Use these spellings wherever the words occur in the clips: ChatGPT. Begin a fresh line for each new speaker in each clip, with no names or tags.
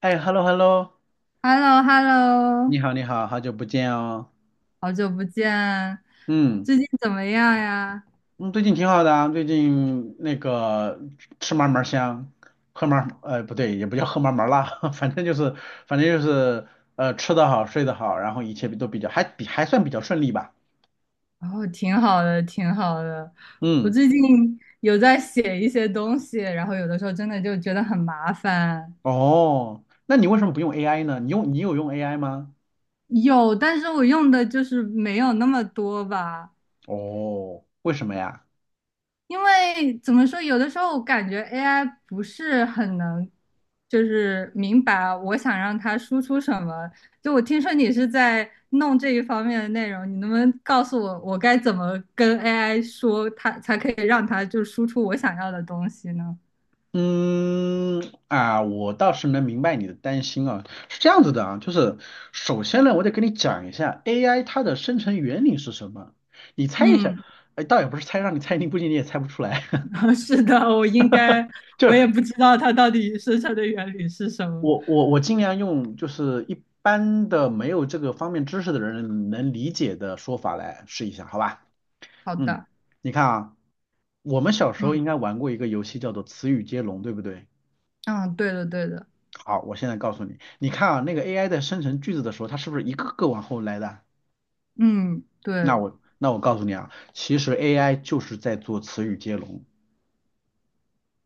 哎，hello hello，
h e l l o h e l l
你
o
好你好，好久不见哦。
好久不见，
嗯
最近怎么样呀？
嗯，最近挺好的啊，最近那个吃嘛嘛香，喝嘛不对，也不叫喝嘛嘛辣，反正就是反正就是吃得好睡得好，然后一切都比较还算比较顺利吧。
哦，挺好的，挺好的。我
嗯，
最近有在写一些东西，然后有的时候真的就觉得很麻烦。
哦，那你为什么不用 AI 呢？你有用 AI 吗？
有，但是我用的就是没有那么多吧。
哦，为什么呀？
因为怎么说，有的时候我感觉 AI 不是很能，就是明白我想让它输出什么。就我听说你是在弄这一方面的内容，你能不能告诉我，我该怎么跟 AI 说它，才可以让它就输出我想要的东西呢？
嗯啊，我倒是能明白你的担心啊，是这样子的啊，就是首先呢，我得跟你讲一下 AI 它的生成原理是什么，你猜一下，
嗯，
哎，倒也不是猜，让你猜，你估计你也猜不出来，
是的，我应该，
就
我也
是
不知道它到底生成的原理是什么。
我尽量用就是一般的没有这个方面知识的人能理解的说法来试一下，好吧？
好
嗯，
的，
你看啊，我们小时候
嗯
应该玩过一个游戏叫做词语接龙，对不对？
嗯，对的对的，
好，我现在告诉你，你看啊，那个 AI 在生成句子的时候，它是不是一个个往后来的？
嗯
那
对。
我那我告诉你啊，其实 AI 就是在做词语接龙。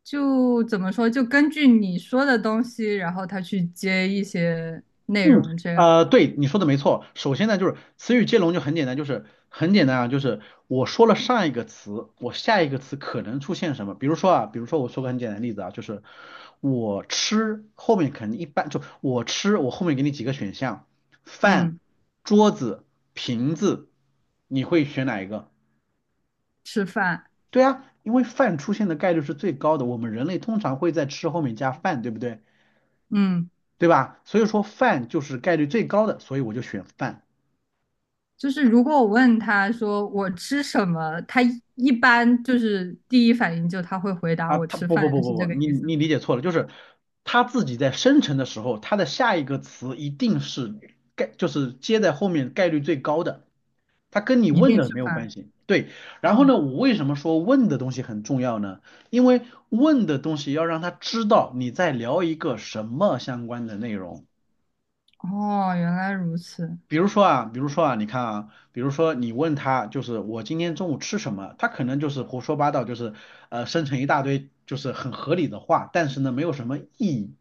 就怎么说，就根据你说的东西，然后他去接一些内容，这样，
对，你说的没错。首先呢，就是词语接龙就很简单，就是很简单啊，就是我说了上一个词，我下一个词可能出现什么？比如说啊，比如说我说个很简单的例子啊，就是我吃后面肯定一般就我吃，我后面给你几个选项，饭、
嗯，
桌子、瓶子，你会选哪一个？
吃饭，
对啊，因为饭出现的概率是最高的，我们人类通常会在吃后面加饭，对不对？
嗯，
对吧？所以说饭就是概率最高的，所以我就选饭
就是如果我问他说我吃什么，他一般就是第一反应就他会回答
啊。
我
他
吃
不
饭，
不不不
是这
不，
个
你
意思吗？
你理解错了，就是他自己在生成的时候，他的下一个词一定是就是接在后面概率最高的，它跟你
一
问
定
的
吃
没有关
饭。
系。对，然后
哦
呢，我为什么说问的东西很重要呢？因为问的东西要让他知道你在聊一个什么相关的内容。
哦，原来如此，
比如说啊，比如说啊，你看啊，比如说你问他，就是我今天中午吃什么，他可能就是胡说八道，就是生成一大堆就是很合理的话，但是呢没有什么意义。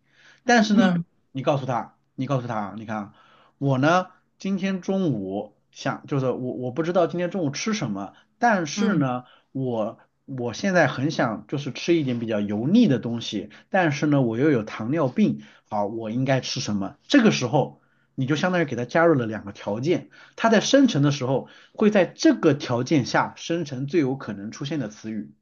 但是呢，
嗯
你告诉他，你告诉他啊，你看啊，我呢今天中午想就是我不知道今天中午吃什么，但是
嗯，
呢我我现在很想就是吃一点比较油腻的东西，但是呢我又有糖尿病，好，我应该吃什么？这个时候。你就相当于给它加入了两个条件，它在生成的时候会在这个条件下生成最有可能出现的词语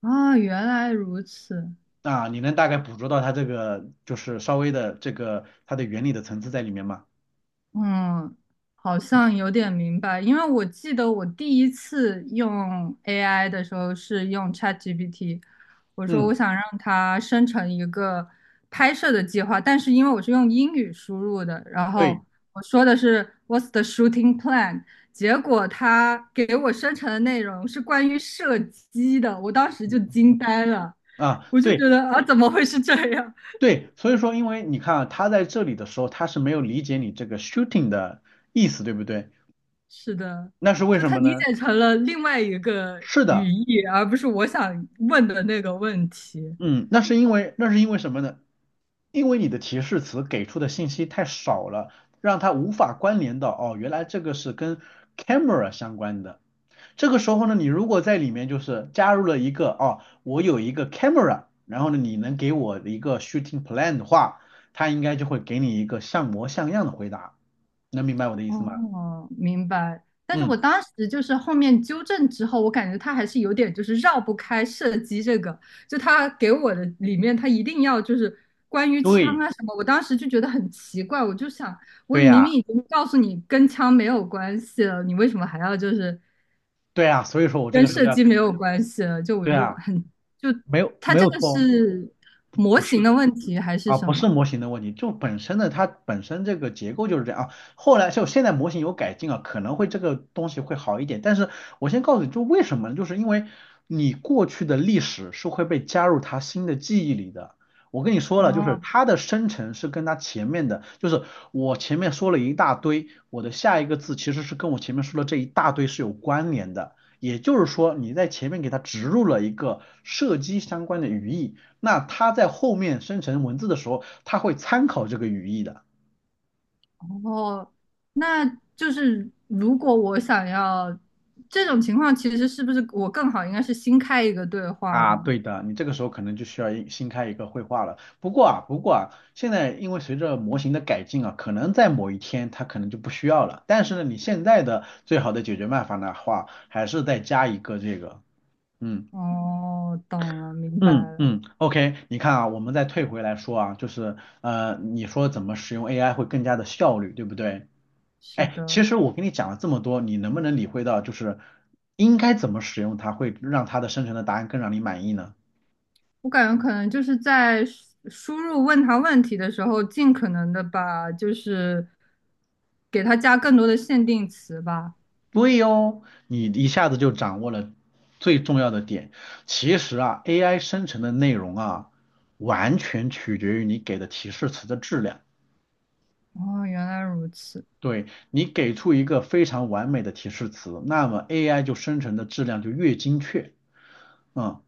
啊，原来如此，
啊，你能大概捕捉到它这个就是稍微的这个它的原理的层次在里面吗？
嗯，好像有点明白，因为我记得我第一次用 AI 的时候是用 ChatGPT，我说我
嗯，
想让它生成一个拍摄的计划，但是因为我是用英语输入的，然后
对，
我说的是 "What's the shooting plan"，结果它给我生成的内容是关于射击的，我当时就
嗯
惊呆了，
啊，
我就觉
对
得啊，怎么会是这样？
对，所以说因为你看啊，他在这里的时候它是没有理解你这个 shooting 的意思，对不对？
是的，
那是为
就
什
他
么
理
呢？
解成了另外一个
是
语
的，
义，而不是我想问的那个问题。
嗯，那是因为什么呢？因为你的提示词给出的信息太少了，让它无法关联到哦，原来这个是跟 camera 相关的。这个时候呢，你如果在里面就是加入了一个哦，我有一个 camera，然后呢，你能给我一个 shooting plan 的话，它应该就会给你一个像模像样的回答。能明白我的意思吗？
哦，明白。但是我
嗯，
当时就是后面纠正之后，我感觉他还是有点就是绕不开射击这个，就他给我的里面，他一定要就是关于枪
对，
啊什么，我当时就觉得很奇怪，我就想，我
对
明
呀，
明已经告诉你跟枪没有关系了，你为什么还要就是
对呀，所以说我这
跟
个时候
设
要，
计没有关系了，就我
对
就
呀，
很就
没有
它
没
这
有
个
错哦，
是模
不
型
是。
的问题还是
啊，
什
不是
么？
模型的问题，就本身的它本身这个结构就是这样啊。后来就现在模型有改进啊，可能会这个东西会好一点。但是我先告诉你，就为什么呢？就是因为你过去的历史是会被加入它新的记忆里的。我跟你说了，就是
哦
它的生成是跟它前面的，就是我前面说了一大堆，我的下一个字其实是跟我前面说的这一大堆是有关联的。也就是说，你在前面给它植入了一个射击相关的语义。那它在后面生成文字的时候，它会参考这个语义的
哦，那就是如果我想要这种情况，其实是不是我更好应该是新开一个对话
啊。
呢？
对的，你这个时候可能就需要新开一个绘画了。不过啊，不过啊，现在因为随着模型的改进啊，可能在某一天它可能就不需要了。但是呢，你现在的最好的解决办法的话，还是再加一个这个，嗯。
哦，懂了，明白
嗯
了，
嗯，OK，你看啊，我们再退回来说啊，就是你说怎么使用 AI 会更加的效率，对不对？
是
哎，其
的，
实我跟你讲了这么多，你能不能理会到，就是应该怎么使用它，会让它的生成的答案更让你满意呢？
我感觉可能就是在输入问他问题的时候，尽可能的把就是给他加更多的限定词吧。
对哦，你一下子就掌握了最重要的点。其实啊，AI 生成的内容啊，完全取决于你给的提示词的质量。
哦，原来如此。
对，你给出一个非常完美的提示词，那么 AI 就生成的质量就越精确。嗯，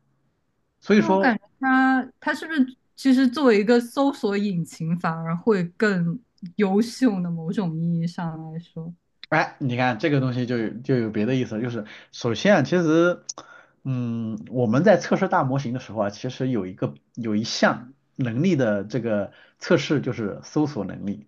所以
那我感
说
觉它是不是其实作为一个搜索引擎，反而会更优秀呢？某种意义上来说，
哎，你看这个东西就有别的意思了就是首先啊，其实，嗯，我们在测试大模型的时候啊，其实有一项能力的这个测试就是搜索能力，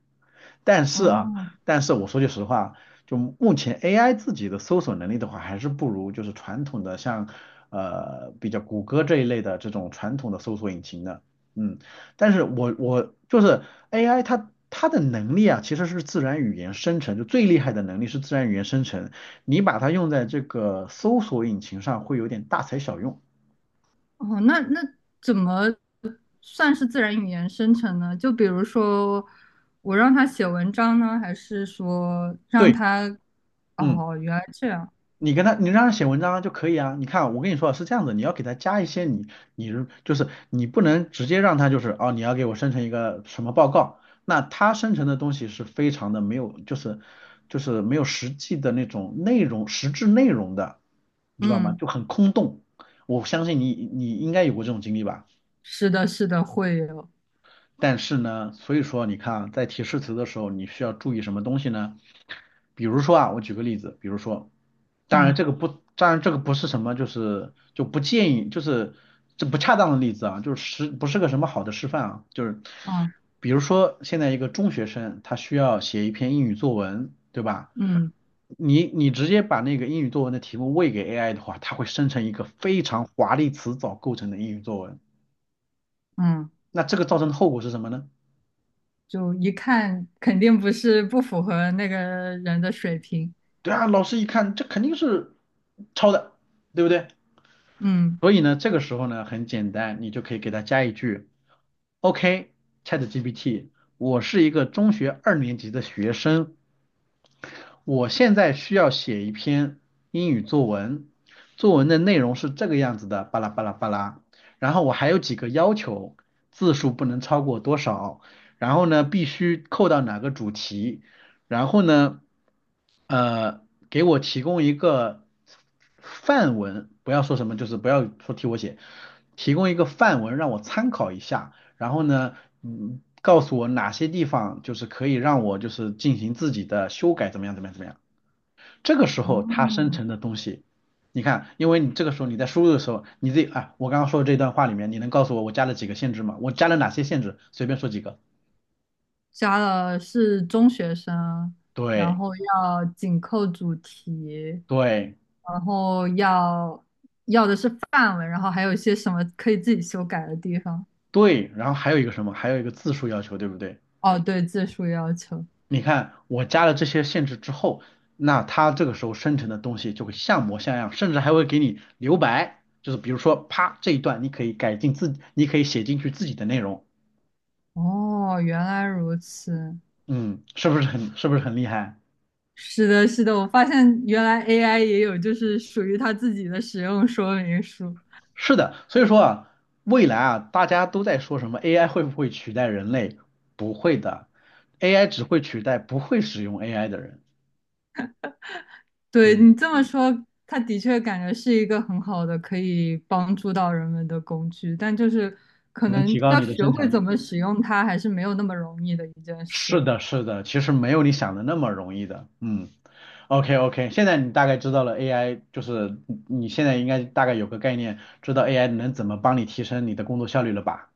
但是啊，
哦
但是我说句实话，就目前 AI 自己的搜索能力的话，还是不如就是传统的像比较谷歌这一类的这种传统的搜索引擎的，嗯，但是我就是 AI 它的能力啊，其实是自然语言生成，就最厉害的能力是自然语言生成。你把它用在这个搜索引擎上，会有点大材小用。
哦，那怎么算是自然语言生成呢？就比如说我让它写文章呢，还是说让
对，
它……
嗯。
哦，原来这样，
你让他写文章就可以啊。你看，我跟你说啊是这样子，你要给他加一些你就是你不能直接让他就是哦，你要给我生成一个什么报告，那他生成的东西是非常的没有，就是没有实际的那种内容，实质内容的，你知道吗？
嗯，
就很空洞。我相信你，你应该有过这种经历吧？
是的，是的，会有，
但是呢，所以说你看啊，在提示词的时候，你需要注意什么东西呢？比如说啊，我举个例子，比如说，当
嗯
然这个不，当然这个不是什么，就是就不建议，就是这不恰当的例子啊，就是不是个什么好的示范啊，就是
嗯
比如说现在一个中学生，他需要写一篇英语作文，对吧？
嗯
你直接把那个英语作文的题目喂给 AI 的话，它会生成一个非常华丽词藻构成的英语作文，
嗯，
那这个造成的后果是什么呢？
就一看肯定不是不符合那个人的水平，
对啊，老师一看这肯定是抄的，对不对？
嗯。
所以呢，这个时候呢很简单，你就可以给他加一句，OK，ChatGPT，我是一个中学二年级的学生，我现在需要写一篇英语作文，作文的内容是这个样子的，巴拉巴拉巴拉。然后我还有几个要求，字数不能超过多少，然后呢必须扣到哪个主题，然后呢，呃，给我提供一个范文，不要说什么，就是不要说替我写，提供一个范文让我参考一下。然后呢，告诉我哪些地方就是可以让我就是进行自己的修改，怎么样，怎么样，怎么样。这个时候它生
哦，
成的东西，你看，因为你这个时候你在输入的时候，你自己啊，我刚刚说的这段话里面，你能告诉我我加了几个限制吗？我加了哪些限制？随便说几个。
加了是中学生，然
对
后要紧扣主题，
对
然后要的是范文，然后还有一些什么可以自己修改的地方。
对，然后还有一个什么？还有一个字数要求，对不对？
哦，对，字数要求。
你看，我加了这些限制之后，那它这个时候生成的东西就会像模像样，甚至还会给你留白，就是比如说，啪，这一段你可以改进自己，你可以写进去自己的内容，
哦，原来如此。
嗯，是不是很厉害？
是的，是的，我发现原来 AI 也有就是属于它自己的使用说明书。
是的，所以说啊，未来啊，大家都在说什么 AI 会不会取代人类？不会的，AI 只会取代不会使用 AI 的人，
对
嗯，
你这么说，它的确感觉是一个很好的可以帮助到人们的工具，但就是可
能
能
提高
要
你的
学
生
会
产
怎
力。
么使用它，还是没有那么容易的一件
是
事。
的，是的，其实没有你想的那么容易的，嗯。OK OK，现在你大概知道了 AI，就是你现在应该大概有个概念，知道 AI 能怎么帮你提升你的工作效率了吧？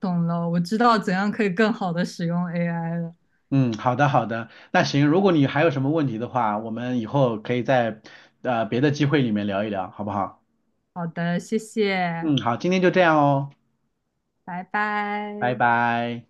懂了，我知道怎样可以更好的使用 AI 了。
嗯，好的好的，那行，如果你还有什么问题的话，我们以后可以在别的机会里面聊一聊，好不好？
好的，谢谢，
嗯，好，今天就这样哦，
拜
拜
拜。
拜。